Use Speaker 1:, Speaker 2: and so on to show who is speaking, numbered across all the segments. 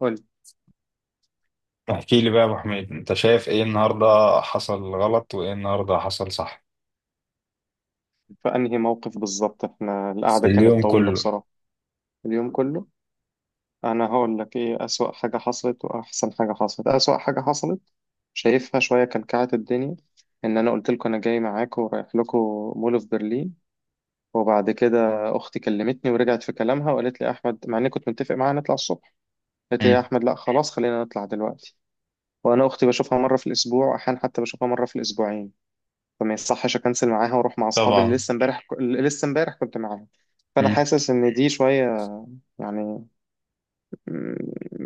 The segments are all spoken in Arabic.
Speaker 1: قول.
Speaker 2: احكي لي بقى يا ابو حميد، انت شايف ايه النهارده حصل غلط وايه النهارده حصل صح
Speaker 1: في انهي موقف بالظبط؟ احنا
Speaker 2: في
Speaker 1: القعده
Speaker 2: اليوم
Speaker 1: كانت طويله
Speaker 2: كله؟
Speaker 1: بصراحه، اليوم كله. انا هقول لك ايه اسوأ حاجه حصلت واحسن حاجه حصلت. اسوأ حاجه حصلت، شايفها شويه كلكعت الدنيا، ان انا قلت لكم انا جاي معاكم ورايح لكم مول في برلين، وبعد كده اختي كلمتني ورجعت في كلامها وقالت لي يا احمد، مع اني كنت متفق معاها نطلع الصبح، قالت لي يا
Speaker 2: مم.
Speaker 1: احمد لا خلاص خلينا نطلع دلوقتي. وانا اختي بشوفها مره في الاسبوع، احيانا حتى بشوفها مره في الاسبوعين، فما يصحش اكنسل معاها واروح مع اصحابي اللي
Speaker 2: طبعا.
Speaker 1: لسه امبارح كنت معاهم. فانا
Speaker 2: مم.
Speaker 1: حاسس ان دي شويه، يعني، م-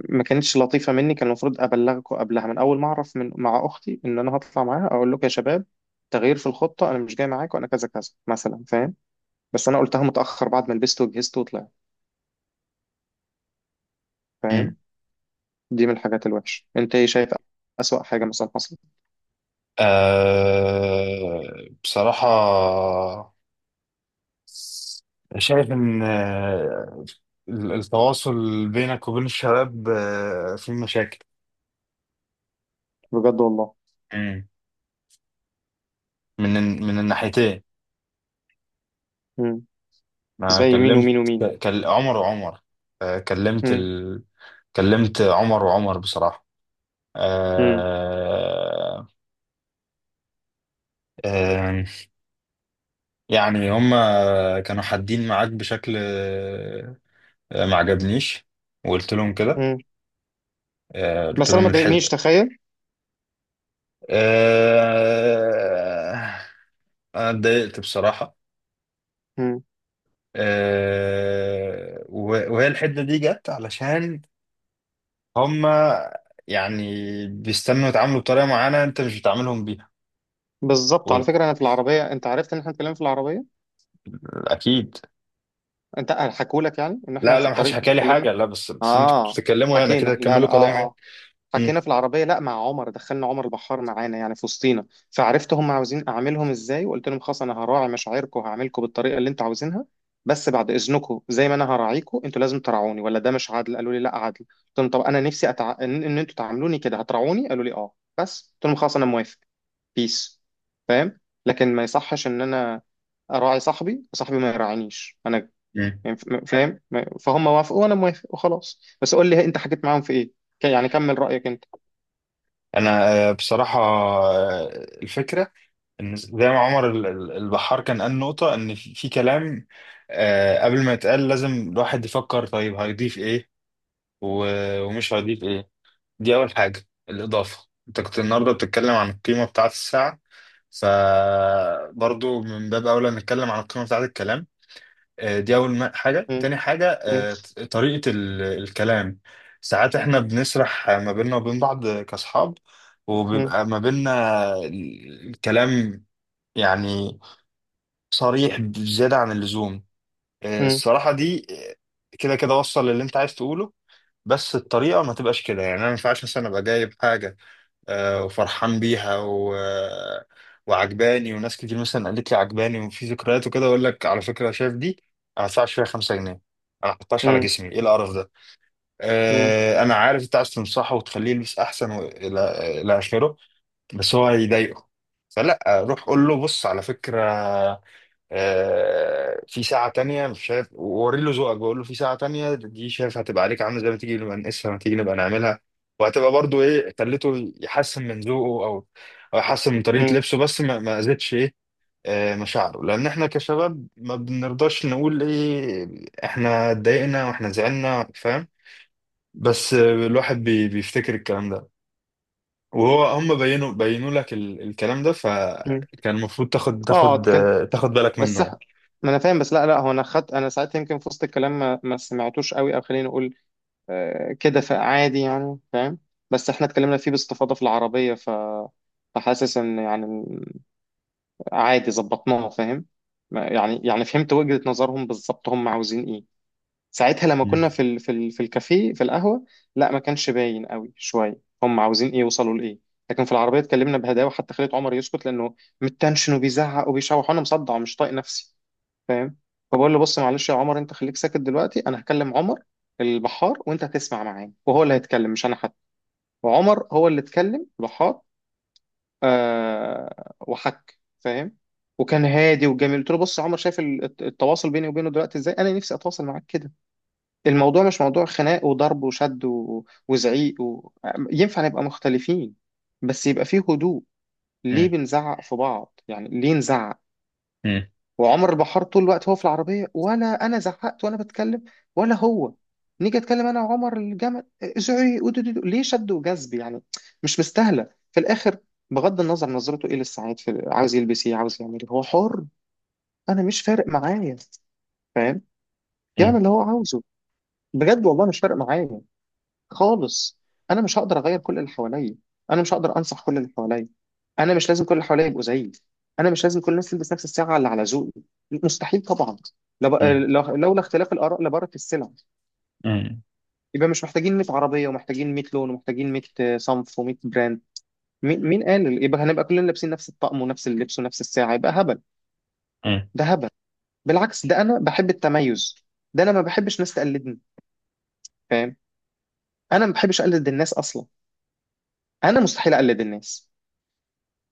Speaker 1: ما كانتش لطيفه مني. كان المفروض ابلغكم قبلها، من اول ما اعرف من مع اختي ان انا هطلع معاها اقول لكم يا شباب، تغيير في الخطه انا مش جاي معاكم، انا كذا كذا مثلا، فاهم؟ بس انا قلتها متاخر، بعد ما لبست وجهزت وطلعت،
Speaker 2: مم.
Speaker 1: فاهم؟ دي من الحاجات الوحشه. انت ايه شايف اسوأ حاجه مثلا حصلت؟
Speaker 2: أه، بصراحة شايف ان التواصل بينك وبين الشباب فيه مشاكل.
Speaker 1: بجد والله.
Speaker 2: مم. من الناحيتين.
Speaker 1: مم.
Speaker 2: انا
Speaker 1: زي مين
Speaker 2: كلمت
Speaker 1: ومين ومين؟
Speaker 2: كل عمر وعمر، آه، كلمت
Speaker 1: مم.
Speaker 2: ال... كلمت عمر وعمر بصراحة.
Speaker 1: مم.
Speaker 2: أه... آه، يعني هما كانوا حادين معاك بشكل ما عجبنيش، وقلت لهم كده.
Speaker 1: مم.
Speaker 2: قلت
Speaker 1: بس انا
Speaker 2: لهم
Speaker 1: ما ضايقنيش،
Speaker 2: الحد.
Speaker 1: تخيل.
Speaker 2: آه، انا اتضايقت بصراحة. وهي الحدة دي جت علشان هما، يعني، بيستنوا يتعاملوا بطريقة معينة انت مش بتعاملهم بيها.
Speaker 1: بالظبط، على
Speaker 2: وال-
Speaker 1: فكره، انا في العربيه، انت عرفت ان احنا اتكلمنا في العربيه؟
Speaker 2: اكيد.
Speaker 1: انت حكوا لك يعني ان احنا
Speaker 2: لا،
Speaker 1: في
Speaker 2: لا، ما حدش
Speaker 1: الطريق
Speaker 2: حكى لي
Speaker 1: اتكلمنا؟
Speaker 2: حاجة، لا، بس انتوا كنتوا
Speaker 1: اه،
Speaker 2: بتتكلموا يعني
Speaker 1: حكينا،
Speaker 2: كده،
Speaker 1: لا
Speaker 2: تكملوا
Speaker 1: لا، اه
Speaker 2: كلامي.
Speaker 1: اه،
Speaker 2: مم.
Speaker 1: حكينا في العربيه. لا، مع عمر، دخلنا عمر البحار معانا يعني في وسطينا. فعرفت هم عاوزين اعملهم ازاي، وقلت لهم خلاص انا هراعي مشاعركم وهعملكم بالطريقه اللي انتوا عاوزينها. بس بعد اذنكم، زي ما انا هراعيكم انتوا لازم تراعوني، ولا ده مش عادل؟ قالوا لي لا عادل. قلت لهم طب انا نفسي ان إن انتوا تعاملوني كده، هتراعوني؟ قالوا لي اه. بس قلت لهم خلاص انا موافق. بيس. فاهم؟ لكن ما يصحش ان انا اراعي صاحبي، صاحبي ما يراعينيش انا.
Speaker 2: مم.
Speaker 1: يعني، فاهم؟ فهم وافقوا وانا موافق وخلاص. بس قول لي انت حكيت معاهم في ايه. يعني كمل رايك انت.
Speaker 2: انا، بصراحة، الفكرة إن زي ما عمر البحار كان قال نقطة، إن في كلام قبل ما يتقال لازم الواحد يفكر طيب هيضيف إيه ومش هيضيف إيه. دي أول حاجة، الإضافة، أنت كنت النهاردة بتتكلم عن القيمة بتاعة الساعة، فبرضو من باب أولى نتكلم عن القيمة بتاعة الكلام. دي أول حاجة،
Speaker 1: مم.
Speaker 2: تاني حاجة
Speaker 1: مم.
Speaker 2: طريقة الكلام. ساعات إحنا بنسرح ما بيننا وبين بعض كأصحاب،
Speaker 1: مم.
Speaker 2: وبيبقى ما بيننا الكلام يعني صريح بزيادة عن اللزوم.
Speaker 1: مم.
Speaker 2: الصراحة دي آه، كده كده وصل للي انت عايز تقوله، بس الطريقة ما تبقاش كده. يعني، انا ما ينفعش مثلا ابقى جايب حاجة وفرحان بيها و... آه، وعجباني، وناس كتير مثلا قالت لي عجباني وفي ذكريات وكده، اقول لك على فكرة شايف دي، انا ما ادفعش فيها 5 جنيه، انا ما احطهاش على
Speaker 1: مم.
Speaker 2: جسمي، ايه القرف ده.
Speaker 1: مم.
Speaker 2: انا عارف انت عايز تنصحه وتخليه يلبس احسن، والى اخره، بس هو هيضايقه. فلا، روح قول له بص على فكرة في ساعة تانية، مش شايف، ووري له ذوقك، بقول له في ساعة تانية دي شايف، هتبقى عليك عاملة زي، ما تيجي نبقى نقيسها، ما تيجي نبقى نعملها، وهتبقى برضو ايه، خليته يحسن من ذوقه، او يحسن من طريقة
Speaker 1: مم.
Speaker 2: لبسه، بس ما اذيتش ايه مشاعره، لان احنا كشباب ما بنرضاش نقول ايه، احنا اتضايقنا واحنا زعلنا، فاهم. بس الواحد بيفتكر الكلام ده، وهو هم بينوا لك الكلام ده،
Speaker 1: مم.
Speaker 2: فكان المفروض
Speaker 1: اه اه، اتكلم.
Speaker 2: تاخد بالك منه
Speaker 1: بس
Speaker 2: يعني.
Speaker 1: ما انا فاهم. بس لا لا، هو انا خدت، انا ساعتها يمكن في وسط الكلام ما سمعتوش قوي، او خليني اقول آه كده، فعادي يعني، فاهم؟ بس احنا اتكلمنا فيه باستفاضه في العربيه، ف، فحاسس ان يعني عادي، ظبطناها، فاهم؟ يعني يعني فهمت وجهة نظرهم بالظبط هم عاوزين ايه. ساعتها لما كنا في الكافيه، في القهوه، لا ما كانش باين قوي شويه هم عاوزين ايه، يوصلوا لايه. لكن في العربيه اتكلمنا بهداوه، حتى خليت عمر يسكت لانه متنشن وبيزعق وبيشوح، وانا مصدع ومش طايق نفسي، فاهم؟ فبقول له بص معلش يا عمر، انت خليك ساكت دلوقتي، انا هكلم عمر البحار وانت هتسمع معاه، وهو اللي هيتكلم مش انا حتى. وعمر هو اللي اتكلم، البحار. آه، وحك، فاهم؟ وكان هادي وجميل. قلت له بص يا عمر شايف التواصل بيني وبينه دلوقتي ازاي؟ انا نفسي اتواصل معاك كده. الموضوع مش موضوع خناق وضرب وشد وزعيق ينفع نبقى مختلفين، بس يبقى فيه هدوء. ليه
Speaker 2: مم.
Speaker 1: بنزعق في بعض؟ يعني ليه نزعق؟
Speaker 2: مم.
Speaker 1: وعمر البحار طول الوقت هو في العربية، ولا أنا زعقت وأنا بتكلم؟ ولا هو؟ نيجي أتكلم أنا وعمر الجمل، زعيق ودودودو. ليه شد وجذب يعني؟ مش مستاهلة في الآخر. بغض النظر نظرته إيه للسعيد، عاوز يلبس إيه، عاوز يعمل إيه، هو حر. أنا مش فارق معايا، فاهم؟ يعمل
Speaker 2: مم.
Speaker 1: اللي هو عاوزه. بجد والله، مش فارق معايا خالص. انا مش هقدر اغير كل اللي حواليا، انا مش هقدر انصح كل اللي حواليا، انا مش لازم كل اللي حواليا يبقوا زيي، انا مش لازم كل الناس تلبس نفس الساعه اللي على ذوقي، مستحيل طبعا.
Speaker 2: مم.
Speaker 1: لولا اختلاف الاراء لبارت السلع.
Speaker 2: مم.
Speaker 1: يبقى مش محتاجين 100 عربيه، ومحتاجين 100 لون، ومحتاجين 100 صنف، و100 براند. مين قال يبقى هنبقى كلنا لابسين نفس الطقم ونفس اللبس ونفس الساعه؟ يبقى هبل،
Speaker 2: مم.
Speaker 1: ده هبل. بالعكس، ده انا بحب التميز، ده انا ما بحبش ناس تقلدني، فاهم؟ انا ما بحبش اقلد الناس اصلا، انا مستحيل اقلد الناس.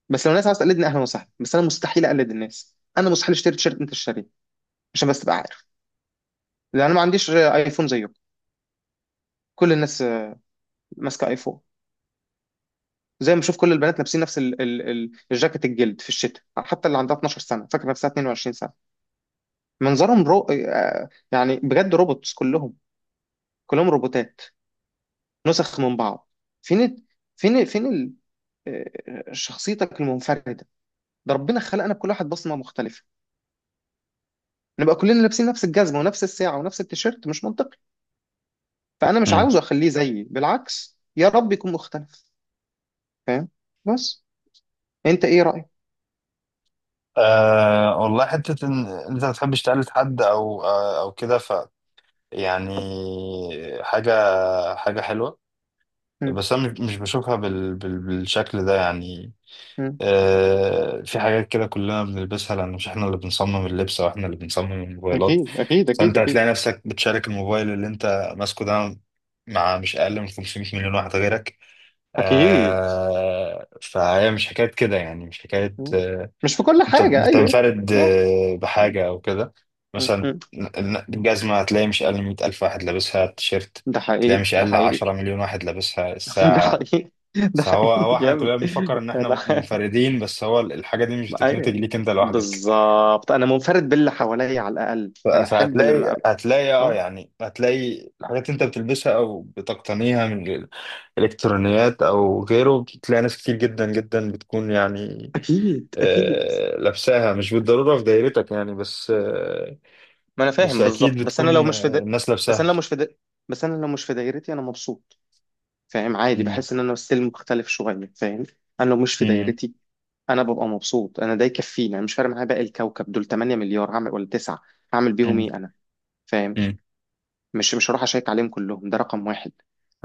Speaker 1: بس لو الناس عاوز تقلدني، اهلا وسهلا. بس انا مستحيل اقلد الناس، انا مستحيل اشتري تيشيرت انت شاريه عشان بس تبقى عارف. لان انا ما عنديش ايفون زيكم. كل الناس ماسكه ايفون. زي ما بشوف كل البنات لابسين نفس ال الجاكيت الجلد في الشتاء، حتى اللي عندها 12 سنه فاكره نفسها 22 سنه. منظرهم رو... يعني بجد روبوتس كلهم، كلهم روبوتات، نسخ من بعض. فين ال- فين شخصيتك المنفرده؟ ده ربنا خلقنا بكل واحد بصمه مختلفه. نبقى كلنا لابسين نفس الجزمه ونفس الساعه ونفس التيشيرت؟ مش منطقي. فانا مش
Speaker 2: مم.
Speaker 1: عاوزه اخليه زيي، بالعكس يا رب يكون مختلف، فاهم؟ بس انت ايه رايك؟
Speaker 2: أه، والله حتة إن أنت ما بتحبش تقلد حد، أو كده، يعني، حاجة حاجة حلوة.
Speaker 1: مم.
Speaker 2: بس أنا مش بشوفها بالشكل ده يعني.
Speaker 1: مم.
Speaker 2: أه، في حاجات كده كلنا بنلبسها، لأن مش إحنا اللي بنصمم اللبس أو إحنا اللي بنصمم الموبايلات.
Speaker 1: اكيد اكيد اكيد
Speaker 2: فأنت
Speaker 1: اكيد
Speaker 2: هتلاقي نفسك بتشارك الموبايل اللي أنت ماسكه ده مع مش أقل من 500 مليون واحد غيرك.
Speaker 1: اكيد.
Speaker 2: أه، فهي مش حكاية كده يعني، مش حكاية
Speaker 1: مم. مش في كل
Speaker 2: انت
Speaker 1: حاجه، ايوه.
Speaker 2: بتنفرد
Speaker 1: مم.
Speaker 2: بحاجة او كده. مثلا،
Speaker 1: مم.
Speaker 2: الجزمة هتلاقي مش اقل من 100 الف واحد لابسها، التيشيرت
Speaker 1: ده
Speaker 2: تلاقي
Speaker 1: حقيقي،
Speaker 2: مش
Speaker 1: ده
Speaker 2: اقل
Speaker 1: حقيقي.
Speaker 2: 10 مليون واحد لابسها
Speaker 1: ده
Speaker 2: الساعة.
Speaker 1: حقيقي، ده
Speaker 2: فهو
Speaker 1: حقيقي
Speaker 2: هو احنا
Speaker 1: جامد.
Speaker 2: كلنا بنفكر ان احنا
Speaker 1: انا،
Speaker 2: منفردين، بس هو الحاجة دي مش بتتنتج
Speaker 1: ايوه،
Speaker 2: ليك انت لوحدك.
Speaker 1: بالظبط، انا منفرد باللي حواليا، على الاقل
Speaker 2: ف-
Speaker 1: انا احب
Speaker 2: فهتلاقي
Speaker 1: لما أبقى.
Speaker 2: هتلاقي اه
Speaker 1: آه.
Speaker 2: يعني هتلاقي الحاجات انت بتلبسها او بتقتنيها من الالكترونيات او غيره، بتلاقي ناس كتير جدا جدا بتكون يعني
Speaker 1: اكيد اكيد.
Speaker 2: لابساها، مش بالضرورة في دايرتك يعني، بس آه،
Speaker 1: ما انا
Speaker 2: بس
Speaker 1: فاهم
Speaker 2: اكيد
Speaker 1: بالظبط، بس انا لو
Speaker 2: بتكون
Speaker 1: مش
Speaker 2: الناس
Speaker 1: بس انا
Speaker 2: لابساها.
Speaker 1: لو مش بس انا لو مش في دايرتي انا مبسوط، فاهم؟ عادي،
Speaker 2: مم.
Speaker 1: بحس ان انا ستيل مختلف شويه، فاهم؟ انا لو مش في
Speaker 2: مم.
Speaker 1: دايرتي انا ببقى مبسوط، انا ده يكفيني. انا مش فارق معايا باقي الكوكب دول، 8 مليار هعمل ولا 9، هعمل بيهم
Speaker 2: مم.
Speaker 1: ايه انا؟ فاهم؟
Speaker 2: مم.
Speaker 1: مش هروح اشيك عليهم كلهم، ده رقم واحد.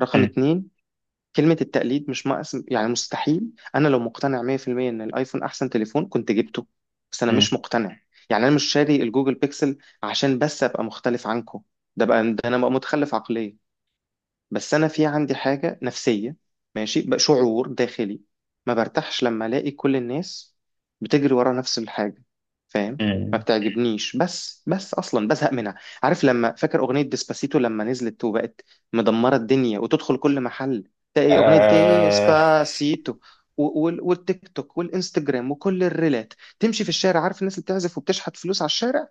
Speaker 1: رقم
Speaker 2: مم.
Speaker 1: اتنين، كلمة التقليد مش ناقص يعني، مستحيل. انا لو مقتنع 100% ان الايفون احسن تليفون كنت جبته، بس انا مش
Speaker 2: مم.
Speaker 1: مقتنع. يعني انا مش شاري الجوجل بيكسل عشان بس ابقى مختلف عنكم، ده بقى، ده انا بقى متخلف عقليا. بس انا في عندي حاجه نفسيه، ماشي بقى، شعور داخلي، ما برتاحش لما الاقي كل الناس بتجري ورا نفس الحاجه، فاهم؟ ما
Speaker 2: مم.
Speaker 1: بتعجبنيش، بس اصلا بزهق منها. عارف لما، فاكر اغنيه ديسباسيتو لما نزلت وبقت مدمره الدنيا، وتدخل كل محل تلاقي اغنيه
Speaker 2: آه،
Speaker 1: ديسباسيتو، والتيك توك والانستجرام وكل الريلات، تمشي في الشارع، عارف الناس اللي بتعزف وبتشحت فلوس على الشارع،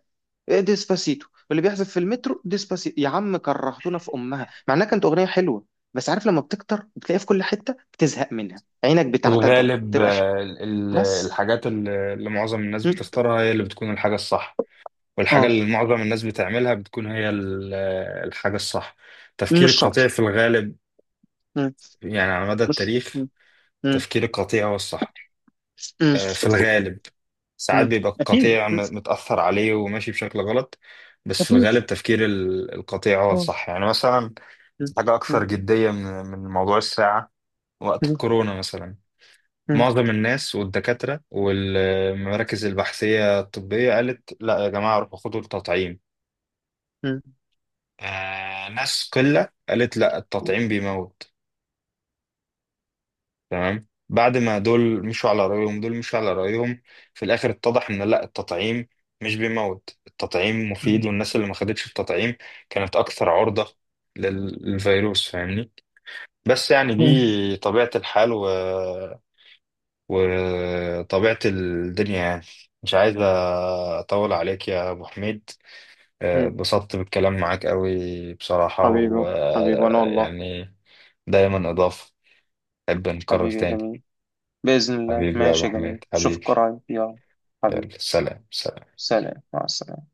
Speaker 1: ديسباسيتو، واللي بيحذف في المترو، ديسباسيتو. يا عم كرهتونا في امها، مع انها كانت اغنيه حلوه، بس عارف لما بتكتر بتلاقيها في كل حته بتزهق منها، عينك
Speaker 2: في
Speaker 1: بتعتادها
Speaker 2: الغالب
Speaker 1: تبقاش. بس.
Speaker 2: الحاجات اللي معظم الناس
Speaker 1: م.
Speaker 2: بتختارها هي اللي بتكون الحاجة الصح، والحاجة
Speaker 1: اه،
Speaker 2: اللي معظم الناس بتعملها بتكون هي الحاجة الصح. تفكير
Speaker 1: مش
Speaker 2: القطيع
Speaker 1: شرط.
Speaker 2: في الغالب،
Speaker 1: م.
Speaker 2: يعني، على مدى
Speaker 1: مش.
Speaker 2: التاريخ
Speaker 1: م. م.
Speaker 2: تفكير القطيع هو الصح
Speaker 1: م.
Speaker 2: في الغالب. ساعات
Speaker 1: م.
Speaker 2: بيبقى
Speaker 1: اكيد.
Speaker 2: القطيع
Speaker 1: م.
Speaker 2: متأثر عليه وماشي بشكل غلط، بس في
Speaker 1: اكيد.
Speaker 2: الغالب تفكير القطيع هو
Speaker 1: آه.
Speaker 2: الصح. يعني، مثلا،
Speaker 1: م.
Speaker 2: حاجة أكثر
Speaker 1: م.
Speaker 2: جدية من موضوع الساعة. وقت
Speaker 1: م.
Speaker 2: الكورونا مثلا
Speaker 1: م.
Speaker 2: معظم الناس والدكاترة والمراكز البحثية الطبية قالت لا يا جماعة، روحوا خدوا التطعيم.
Speaker 1: م.
Speaker 2: آه، ناس قلة قالت لا، التطعيم بيموت، تمام. بعد ما دول مشوا على رأيهم دول مشوا على رأيهم في الآخر اتضح إن لا، التطعيم مش بيموت، التطعيم مفيد، والناس اللي ما خدتش التطعيم كانت أكثر عرضة للفيروس، فاهمني. بس يعني
Speaker 1: م.
Speaker 2: دي طبيعة الحال وطبيعة الدنيا يعني. مش عايز أطول عليك يا أبو حميد،
Speaker 1: م.
Speaker 2: اتبسطت بالكلام معاك قوي بصراحة،
Speaker 1: حبيبي، حبيبي، انا والله.
Speaker 2: ويعني دايما إضافة، أحب نكرر
Speaker 1: حبيبي يا
Speaker 2: تاني.
Speaker 1: جميل. بإذن الله،
Speaker 2: حبيبي يا ابو
Speaker 1: ماشي يا جميل،
Speaker 2: حميد،
Speaker 1: اشوفك
Speaker 2: حبيبي.
Speaker 1: قريب، يلا. حبيبي.
Speaker 2: يلا، سلام سلام.
Speaker 1: سلام، مع السلامة.